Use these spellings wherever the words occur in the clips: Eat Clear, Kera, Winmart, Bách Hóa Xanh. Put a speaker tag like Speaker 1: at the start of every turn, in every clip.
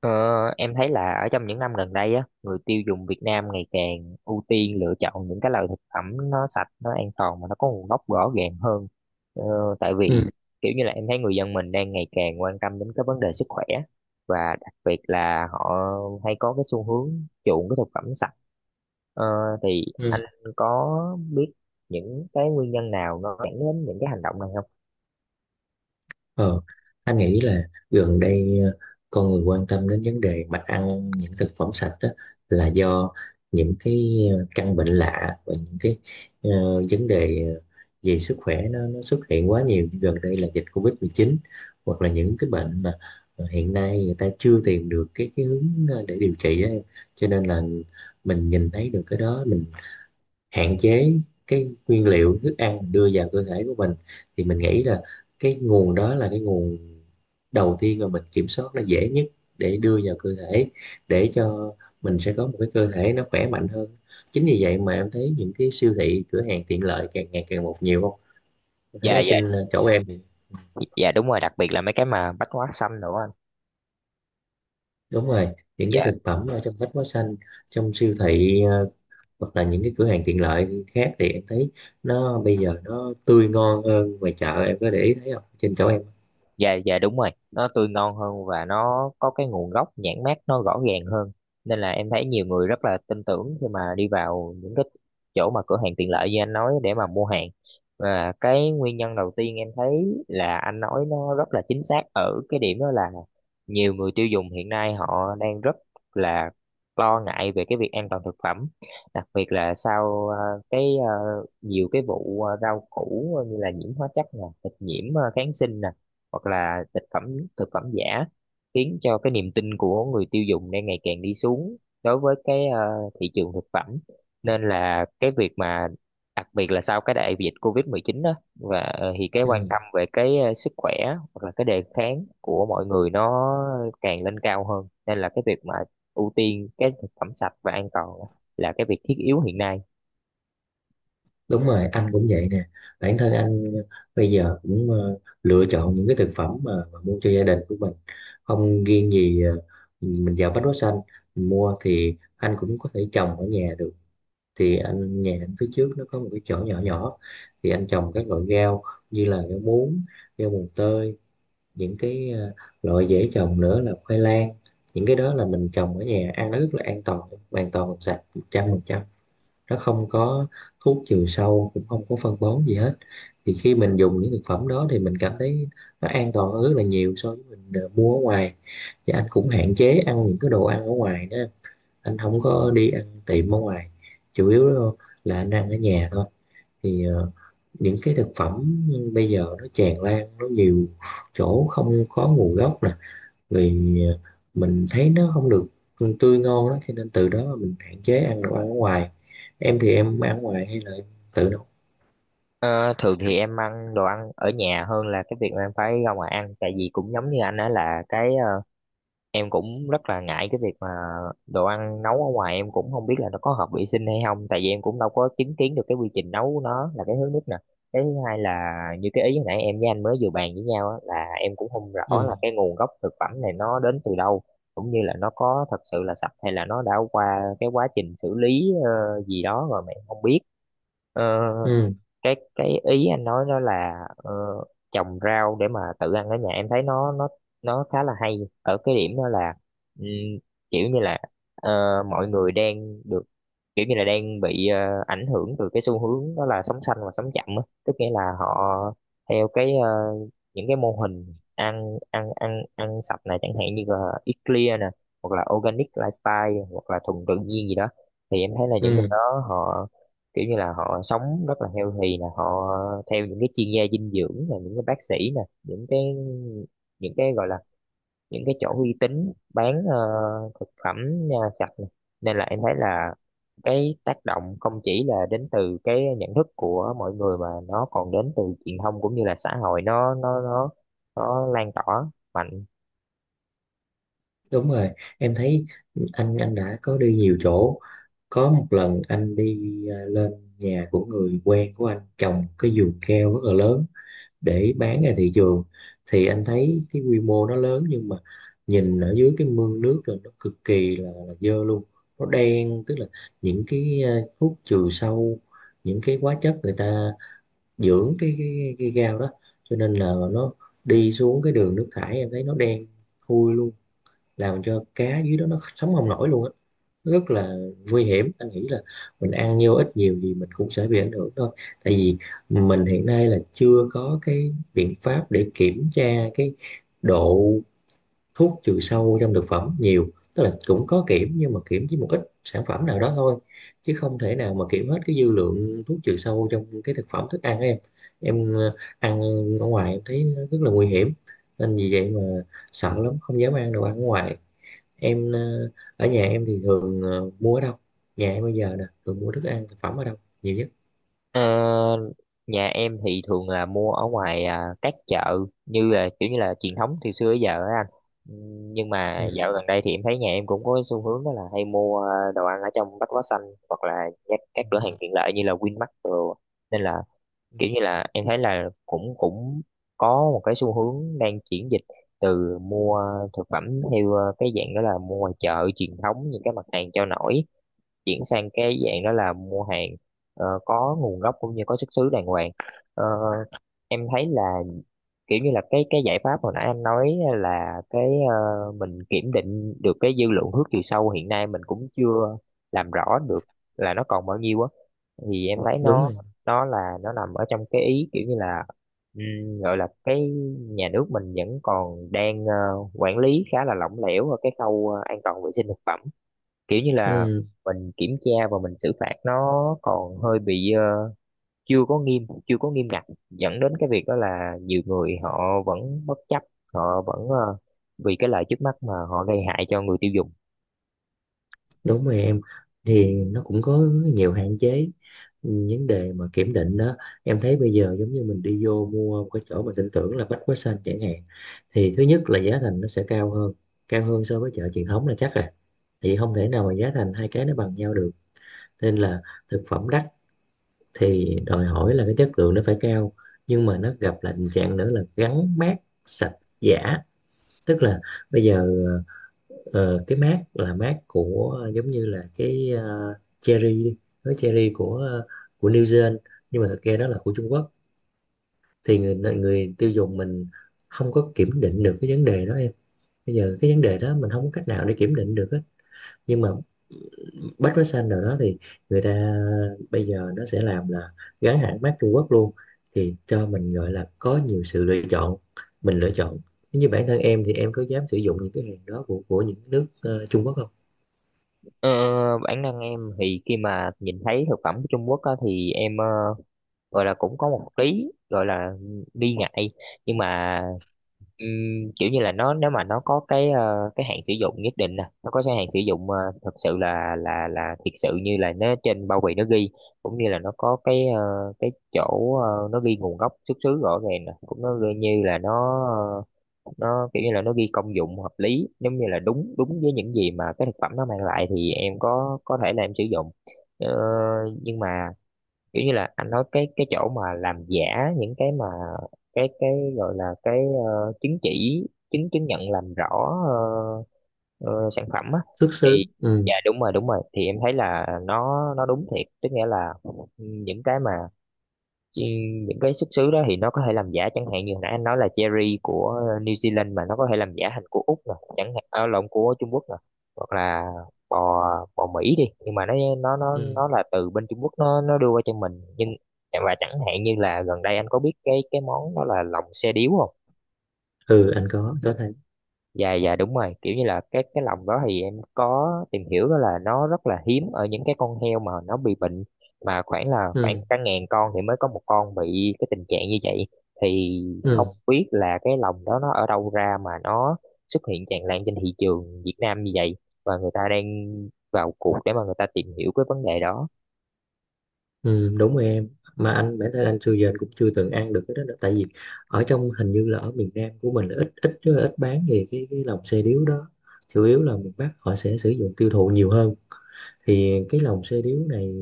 Speaker 1: Ờ, em thấy là ở trong những năm gần đây á, người tiêu dùng Việt Nam ngày càng ưu tiên lựa chọn những cái loại thực phẩm nó sạch, nó an toàn mà nó có nguồn gốc rõ ràng hơn. Ờ, Tại
Speaker 2: Ừ,
Speaker 1: vì kiểu như là em thấy người dân mình đang ngày càng quan tâm đến cái vấn đề sức khỏe và đặc biệt là họ hay có cái xu hướng chuộng cái thực phẩm sạch. Ờ, thì anh
Speaker 2: ừ.
Speaker 1: có biết những cái nguyên nhân nào nó dẫn đến những cái hành động này không?
Speaker 2: Ờ, anh nghĩ là gần đây, con người quan tâm đến vấn đề mà ăn những thực phẩm sạch đó là do những cái căn bệnh lạ và những cái ờ, vấn đề về sức khỏe nó xuất hiện quá nhiều, như gần đây là dịch covid mười chín hoặc là những cái bệnh mà hiện nay người ta chưa tìm được cái hướng để điều trị á em. Cho nên là mình nhìn thấy được cái đó, mình hạn chế cái nguyên liệu thức ăn mình đưa vào cơ thể của mình, thì mình nghĩ là cái nguồn đó là cái nguồn đầu tiên mà mình kiểm soát là dễ nhất để đưa vào cơ thể, để cho mình sẽ có một cái cơ thể nó khỏe mạnh hơn. Chính vì vậy mà em thấy những cái siêu thị, cửa hàng tiện lợi càng ngày càng một nhiều, không em thấy
Speaker 1: Dạ
Speaker 2: ở
Speaker 1: dạ
Speaker 2: trên chỗ em thì?
Speaker 1: dạ đúng rồi, đặc biệt là mấy cái mà bách hóa xanh nữa anh.
Speaker 2: Đúng rồi, những cái
Speaker 1: Dạ.
Speaker 2: thực phẩm ở trong bách hóa xanh, trong siêu thị hoặc là những cái cửa hàng tiện lợi khác thì em thấy nó bây giờ nó tươi ngon hơn ngoài chợ. Em có để ý thấy không, trên chỗ em?
Speaker 1: Dạ dạ đúng rồi, nó tươi ngon hơn và nó có cái nguồn gốc nhãn mác nó rõ ràng hơn, nên là em thấy nhiều người rất là tin tưởng khi mà đi vào những cái chỗ mà cửa hàng tiện lợi như anh nói để mà mua hàng. Và cái nguyên nhân đầu tiên em thấy là anh nói nó rất là chính xác ở cái điểm đó là nhiều người tiêu dùng hiện nay họ đang rất là lo ngại về cái việc an toàn thực phẩm, đặc biệt là sau cái nhiều cái vụ rau củ như là nhiễm hóa chất nè, thịt nhiễm kháng sinh nè, hoặc là thực phẩm giả, khiến cho cái niềm tin của người tiêu dùng đang ngày càng đi xuống đối với cái thị trường thực phẩm. Nên là cái việc mà đặc biệt là sau cái đại dịch COVID-19 đó, và thì cái quan
Speaker 2: Ừ.
Speaker 1: tâm về cái sức khỏe hoặc là cái đề kháng của mọi người nó càng lên cao hơn, nên là cái việc mà ưu tiên cái thực phẩm sạch và an toàn là cái việc thiết yếu hiện nay.
Speaker 2: Đúng rồi, anh cũng vậy nè. Bản thân anh bây giờ cũng lựa chọn những cái thực phẩm mà mua cho gia đình của mình, không riêng gì mình vào Bách Hóa Xanh mình mua. Thì anh cũng có thể trồng ở nhà được. Thì nhà anh phía trước nó có một cái chỗ nhỏ nhỏ, thì anh trồng các loại rau như là rau muống, rau mùng tơi, những cái loại dễ trồng nữa là khoai lang. Những cái đó là mình trồng ở nhà ăn nó rất là an toàn, hoàn toàn sạch 100%. Nó không có thuốc trừ sâu, cũng không có phân bón gì hết. Thì khi mình dùng những thực phẩm đó thì mình cảm thấy nó an toàn hơn rất là nhiều so với mình mua ở ngoài. Và anh cũng hạn chế ăn những cái đồ ăn ở ngoài đó, anh không có đi ăn tiệm ở ngoài, chủ yếu là anh ăn ở nhà thôi. Thì những cái thực phẩm bây giờ nó tràn lan, nó nhiều chỗ không có nguồn gốc nè, rồi mình thấy nó không được tươi ngon đó, cho nên từ đó mà mình hạn chế ăn đồ ăn ở ngoài. Em thì em ăn ngoài hay là em tự nấu?
Speaker 1: Ờ, Thường thì em ăn đồ ăn ở nhà hơn là cái việc mà em phải ra ngoài ăn, tại vì cũng giống như anh đó là cái em cũng rất là ngại cái việc mà đồ ăn nấu ở ngoài em cũng không biết là nó có hợp vệ sinh hay không, tại vì em cũng đâu có chứng kiến được cái quy trình nấu của nó, là cái thứ nhất nè. Cái thứ hai là như cái ý hồi nãy em với anh mới vừa bàn với nhau á, là em cũng không rõ
Speaker 2: Ừ,
Speaker 1: là cái nguồn gốc thực phẩm này nó đến từ đâu, cũng như là nó có thật sự là sạch hay là nó đã qua cái quá trình xử lý gì đó rồi mà em không biết. Ờ,
Speaker 2: ừ,
Speaker 1: cái ý anh nói đó là trồng rau để mà tự ăn ở nhà em thấy nó khá là hay ở cái điểm đó là ừm, kiểu như là ờ, mọi người đang được kiểu như là đang bị ảnh hưởng từ cái xu hướng đó là sống xanh và sống chậm á, tức nghĩa là họ theo cái những cái mô hình ăn ăn ăn ăn sạch này, chẳng hạn như là Eat Clear nè, hoặc là organic lifestyle, hoặc là thuần tự nhiên gì đó, thì em thấy là những người
Speaker 2: ừ,
Speaker 1: đó họ kiểu như là họ sống rất là healthy, là họ theo những cái chuyên gia dinh dưỡng, là những cái bác sĩ nè, những cái, những cái gọi là những cái chỗ uy tín bán thực phẩm sạch nè. Nên là em thấy là cái tác động không chỉ là đến từ cái nhận thức của mọi người mà nó còn đến từ truyền thông cũng như là xã hội, nó lan tỏa mạnh.
Speaker 2: đúng rồi. Em thấy anh đã có đi nhiều chỗ, có một lần anh đi à, lên nhà của người quen của anh trồng cái vườn keo rất là lớn để bán ra thị trường. Thì anh thấy cái quy mô nó lớn nhưng mà nhìn ở dưới cái mương nước rồi, nó cực kỳ là dơ luôn. Nó đen, tức là những cái thuốc trừ sâu, những cái hóa chất người ta dưỡng cái gao đó, cho nên là nó đi xuống cái đường nước thải, em thấy nó đen thui luôn, làm cho cá dưới đó nó sống không nổi luôn á, rất là nguy hiểm. Anh nghĩ là mình ăn nhiều ít nhiều gì mình cũng sẽ bị ảnh hưởng thôi. Tại vì mình hiện nay là chưa có cái biện pháp để kiểm tra cái độ thuốc trừ sâu trong thực phẩm nhiều, tức là cũng có kiểm nhưng mà kiểm chỉ một ít sản phẩm nào đó thôi, chứ không thể nào mà kiểm hết cái dư lượng thuốc trừ sâu trong cái thực phẩm thức ăn em. Em ăn ở ngoài em thấy nó rất là nguy hiểm, nên vì vậy mà sợ lắm, không dám ăn đồ ăn ở ngoài. Em ở nhà em thì thường mua ở đâu? Nhà em bây giờ nè thường mua thức ăn, thực phẩm ở đâu nhiều nhất?
Speaker 1: Ờ, Nhà em thì thường là mua ở ngoài à, các chợ như là kiểu như là truyền thống từ xưa tới giờ á anh. Nhưng
Speaker 2: Ừ.
Speaker 1: mà dạo gần đây thì em thấy nhà em cũng có cái xu hướng đó là hay mua à, đồ ăn ở trong Bách Hóa Xanh hoặc là các cửa hàng tiện lợi như là Winmart rồi. Nên là
Speaker 2: Ừ.
Speaker 1: kiểu như là em thấy là cũng cũng có một cái xu hướng đang chuyển dịch từ mua thực phẩm theo à, cái dạng đó là mua ngoài chợ truyền thống những cái mặt hàng cho nổi, chuyển sang cái dạng đó là mua hàng có nguồn gốc cũng như có xuất xứ đàng hoàng. Ờ, em thấy là kiểu như là cái giải pháp hồi nãy anh nói là cái ờ, mình kiểm định được cái dư lượng hước chiều sâu hiện nay mình cũng chưa làm rõ được là nó còn bao nhiêu á, thì em thấy
Speaker 2: Đúng
Speaker 1: nó
Speaker 2: rồi.
Speaker 1: nó là nó nằm ở trong cái ý kiểu như là gọi là cái nhà nước mình vẫn còn đang quản lý khá là lỏng lẻo ở cái khâu an toàn vệ sinh thực phẩm, kiểu như là
Speaker 2: Ừ,
Speaker 1: mình kiểm tra và mình xử phạt nó còn hơi bị chưa có nghiêm ngặt, dẫn đến cái việc đó là nhiều người họ vẫn bất chấp, họ vẫn vì cái lợi trước mắt mà họ gây hại cho người tiêu dùng.
Speaker 2: đúng rồi em, thì nó cũng có nhiều hạn chế. Ừ, vấn đề mà kiểm định đó, em thấy bây giờ giống như mình đi vô mua một cái chỗ mà tin tưởng là Bách Hóa Xanh chẳng hạn, thì thứ nhất là giá thành nó sẽ cao hơn, cao hơn so với chợ truyền thống là chắc rồi. Thì không thể nào mà giá thành hai cái nó bằng nhau được. Nên là thực phẩm đắt thì đòi hỏi là cái chất lượng nó phải cao. Nhưng mà nó gặp là tình trạng nữa là gắn mác sạch giả, tức là bây giờ ờ, cái mác là mác của, giống như là cái cherry đi, cái cherry của New Zealand, nhưng mà thực ra đó là của Trung Quốc. Thì người người tiêu dùng mình không có kiểm định được cái vấn đề đó em. Bây giờ cái vấn đề đó mình không có cách nào để kiểm định được hết. Nhưng mà bách hóa xanh nào đó thì người ta bây giờ nó sẽ làm là gắn hãng mác Trung Quốc luôn. Thì cho mình gọi là có nhiều sự lựa chọn, mình lựa chọn. Nếu như bản thân em thì em có dám sử dụng những cái hàng đó của những nước Trung Quốc không?
Speaker 1: ờ, Bản năng em thì khi mà nhìn thấy thực phẩm của Trung Quốc á, thì em gọi là cũng có một lý gọi là nghi ngại, nhưng mà kiểu như là nó, nếu mà nó có cái hạn sử dụng nhất định nè, nó có cái hạn sử dụng thật sự là thiệt sự như là nó trên bao bì nó ghi, cũng như là nó có cái chỗ nó ghi nguồn gốc xuất xứ rõ ràng nè, cũng nó ghi như là nó kiểu như là nó ghi công dụng hợp lý, giống như là đúng đúng với những gì mà cái thực phẩm nó mang lại, thì em có thể là em sử dụng. Ờ, nhưng mà kiểu như là anh nói cái chỗ mà làm giả những cái mà cái gọi là cái chứng chỉ, chứng chứng nhận làm rõ ờ, sản phẩm á
Speaker 2: Xuất
Speaker 1: thì
Speaker 2: xứ. Ừ,
Speaker 1: dạ đúng rồi đúng rồi, thì em thấy là nó đúng thiệt, tức nghĩa là những cái mà Chứ những cái xuất xứ đó thì nó có thể làm giả, chẳng hạn như hồi nãy anh nói là cherry của New Zealand mà nó có thể làm giả thành của Úc nè chẳng hạn, à, lộn, của Trung Quốc nè, hoặc là bò bò Mỹ đi, nhưng mà nó nó nó
Speaker 2: ừ,
Speaker 1: nó là từ bên Trung Quốc nó đưa qua cho mình nhưng. Và chẳng hạn như là gần đây anh có biết cái món đó là lòng xe điếu không?
Speaker 2: ừ, anh có thấy.
Speaker 1: Dạ dạ đúng rồi, kiểu như là cái lòng đó thì em có tìm hiểu đó là nó rất là hiếm ở những cái con heo mà nó bị bệnh, mà khoảng là khoảng
Speaker 2: Ừ,
Speaker 1: cả ngàn con thì mới có một con bị cái tình trạng như vậy, thì không
Speaker 2: ừ,
Speaker 1: biết là cái lòng đó nó ở đâu ra mà nó xuất hiện tràn lan trên thị trường Việt Nam như vậy, và người ta đang vào cuộc để mà người ta tìm hiểu cái vấn đề đó.
Speaker 2: ừ, đúng rồi em. Mà anh, bản thân anh xưa giờ anh cũng chưa từng ăn được cái đó nữa. Tại vì ở trong, hình như là ở miền Nam của mình là ít ít rất là ít bán về cái lòng xe điếu đó. Chủ yếu là miền Bắc họ sẽ sử dụng tiêu thụ nhiều hơn. Thì cái lòng xe điếu này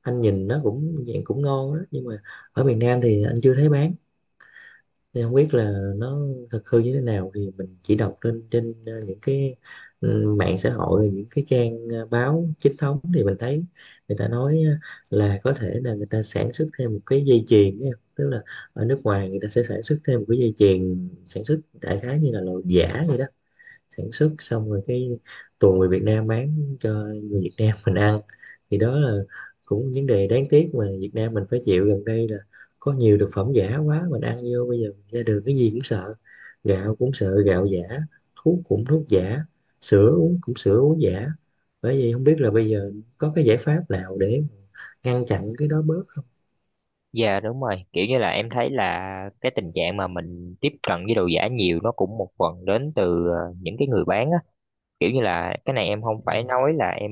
Speaker 2: anh nhìn nó cũng dạng cũng ngon đó, nhưng mà ở miền Nam thì anh chưa thấy bán, nên không biết là nó thật hư như thế nào. Thì mình chỉ đọc lên trên những cái mạng xã hội, rồi những cái trang báo chính thống thì mình thấy người ta nói là có thể là người ta sản xuất thêm một cái dây chuyền ấy. Tức là ở nước ngoài người ta sẽ sản xuất thêm một cái dây chuyền sản xuất đại khái như là loại giả vậy đó. Sản xuất xong rồi cái tuồng người Việt Nam bán cho người Việt Nam mình ăn. Thì đó là cũng vấn đề đáng tiếc mà Việt Nam mình phải chịu gần đây, là có nhiều thực phẩm giả quá, mình ăn vô bây giờ ra đường cái gì cũng sợ. Gạo cũng sợ gạo giả, thuốc cũng thuốc giả, sữa uống cũng sữa uống giả. Bởi vì không biết là bây giờ có cái giải pháp nào để ngăn chặn cái đó bớt không?
Speaker 1: Dạ đúng rồi, kiểu như là em thấy là cái tình trạng mà mình tiếp cận với đồ giả nhiều nó cũng một phần đến từ những cái người bán á. Kiểu như là cái này em không phải
Speaker 2: Ừ,
Speaker 1: nói là em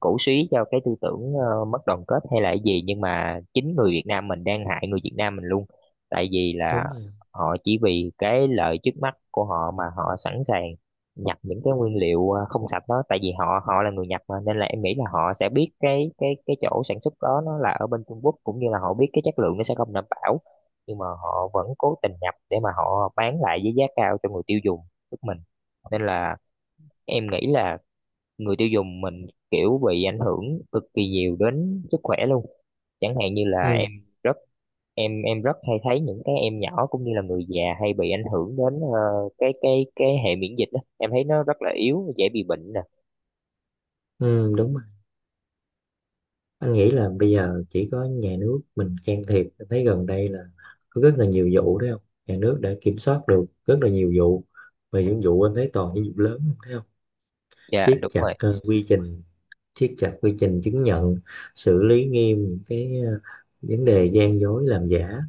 Speaker 1: cổ suý cho cái tư tưởng mất đoàn kết hay là cái gì, nhưng mà chính người Việt Nam mình đang hại người Việt Nam mình luôn. Tại vì là
Speaker 2: đúng rồi.
Speaker 1: họ chỉ vì cái lợi trước mắt của họ mà họ sẵn sàng nhập những cái nguyên liệu không sạch đó, tại vì họ họ là người Nhật mà, nên là em nghĩ là họ sẽ biết cái chỗ sản xuất đó nó là ở bên Trung Quốc, cũng như là họ biết cái chất lượng nó sẽ không đảm bảo, nhưng mà họ vẫn cố tình nhập để mà họ bán lại với giá cao cho người tiêu dùng tức mình. Nên là em nghĩ là người tiêu dùng mình kiểu bị ảnh hưởng cực kỳ nhiều đến sức khỏe luôn, chẳng hạn như là
Speaker 2: Ừ,
Speaker 1: rất em rất hay thấy những cái em nhỏ cũng như là người già hay bị ảnh hưởng đến cái hệ miễn dịch đó. Em thấy nó rất là yếu, dễ bị bệnh nè.
Speaker 2: ừ, đúng rồi. Anh nghĩ là bây giờ chỉ có nhà nước mình can thiệp. Anh thấy gần đây là có rất là nhiều vụ đấy không? Nhà nước đã kiểm soát được rất là nhiều vụ, và những vụ anh thấy toàn những vụ lớn không, thấy không?
Speaker 1: Dạ
Speaker 2: Siết
Speaker 1: đúng
Speaker 2: chặt
Speaker 1: rồi.
Speaker 2: quy trình, siết chặt quy trình chứng nhận, xử lý nghiêm những cái vấn đề gian dối làm giả.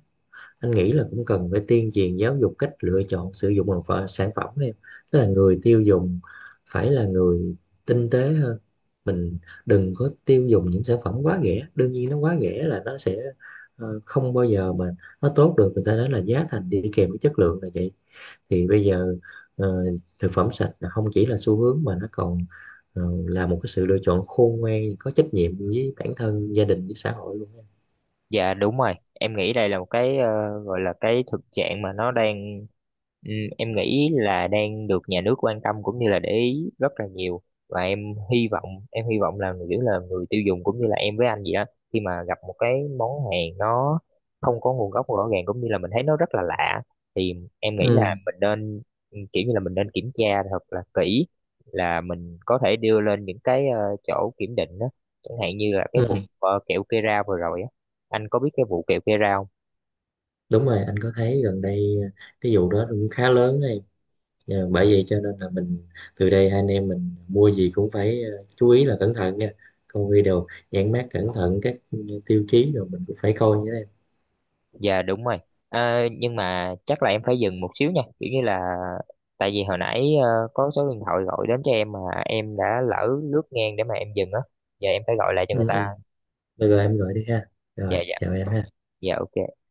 Speaker 2: Anh nghĩ là cũng cần phải tuyên truyền giáo dục cách lựa chọn sử dụng một sản phẩm em. Tức là người tiêu dùng phải là người tinh tế hơn, mình đừng có tiêu dùng những sản phẩm quá rẻ. Đương nhiên nó quá rẻ là nó sẽ không bao giờ mà nó tốt được, người ta nói là giá thành đi kèm với chất lượng là vậy. Thì bây giờ ờ, thực phẩm sạch là không chỉ là xu hướng mà nó còn ờ, là một cái sự lựa chọn khôn ngoan có trách nhiệm với bản thân, gia đình, với xã hội luôn.
Speaker 1: Dạ đúng rồi, em nghĩ đây là một cái gọi là cái thực trạng mà nó đang em nghĩ là đang được nhà nước quan tâm cũng như là để ý rất là nhiều. Và em hy vọng là kiểu là người tiêu dùng cũng như là em với anh vậy đó, khi mà gặp một cái món hàng nó không có nguồn gốc rõ ràng cũng như là mình thấy nó rất là lạ, thì em nghĩ
Speaker 2: Ừ,
Speaker 1: là mình nên kiểu như là mình nên kiểm tra thật là kỹ, là mình có thể đưa lên những cái chỗ kiểm định đó, chẳng hạn như là cái vụ
Speaker 2: ừ,
Speaker 1: kẹo Kera vừa rồi á, anh có biết cái vụ kẹo que rau?
Speaker 2: đúng rồi, anh có thấy. Gần đây cái vụ đó cũng khá lớn đấy. Bởi vậy cho nên là mình, từ đây hai anh em mình mua gì cũng phải chú ý là cẩn thận nha, coi video nhãn mác cẩn thận các tiêu chí rồi mình cũng phải coi nhé em.
Speaker 1: Dạ đúng rồi. À, nhưng mà chắc là em phải dừng một xíu nha, kiểu như là tại vì hồi nãy có số điện thoại gọi đến cho em mà em đã lỡ lướt ngang để mà em dừng á, giờ em phải gọi lại cho người
Speaker 2: Ừ,
Speaker 1: ta.
Speaker 2: ừ. Được rồi, em gọi đi ha, rồi
Speaker 1: Dạ dạ
Speaker 2: chào em ha.
Speaker 1: dạ ok.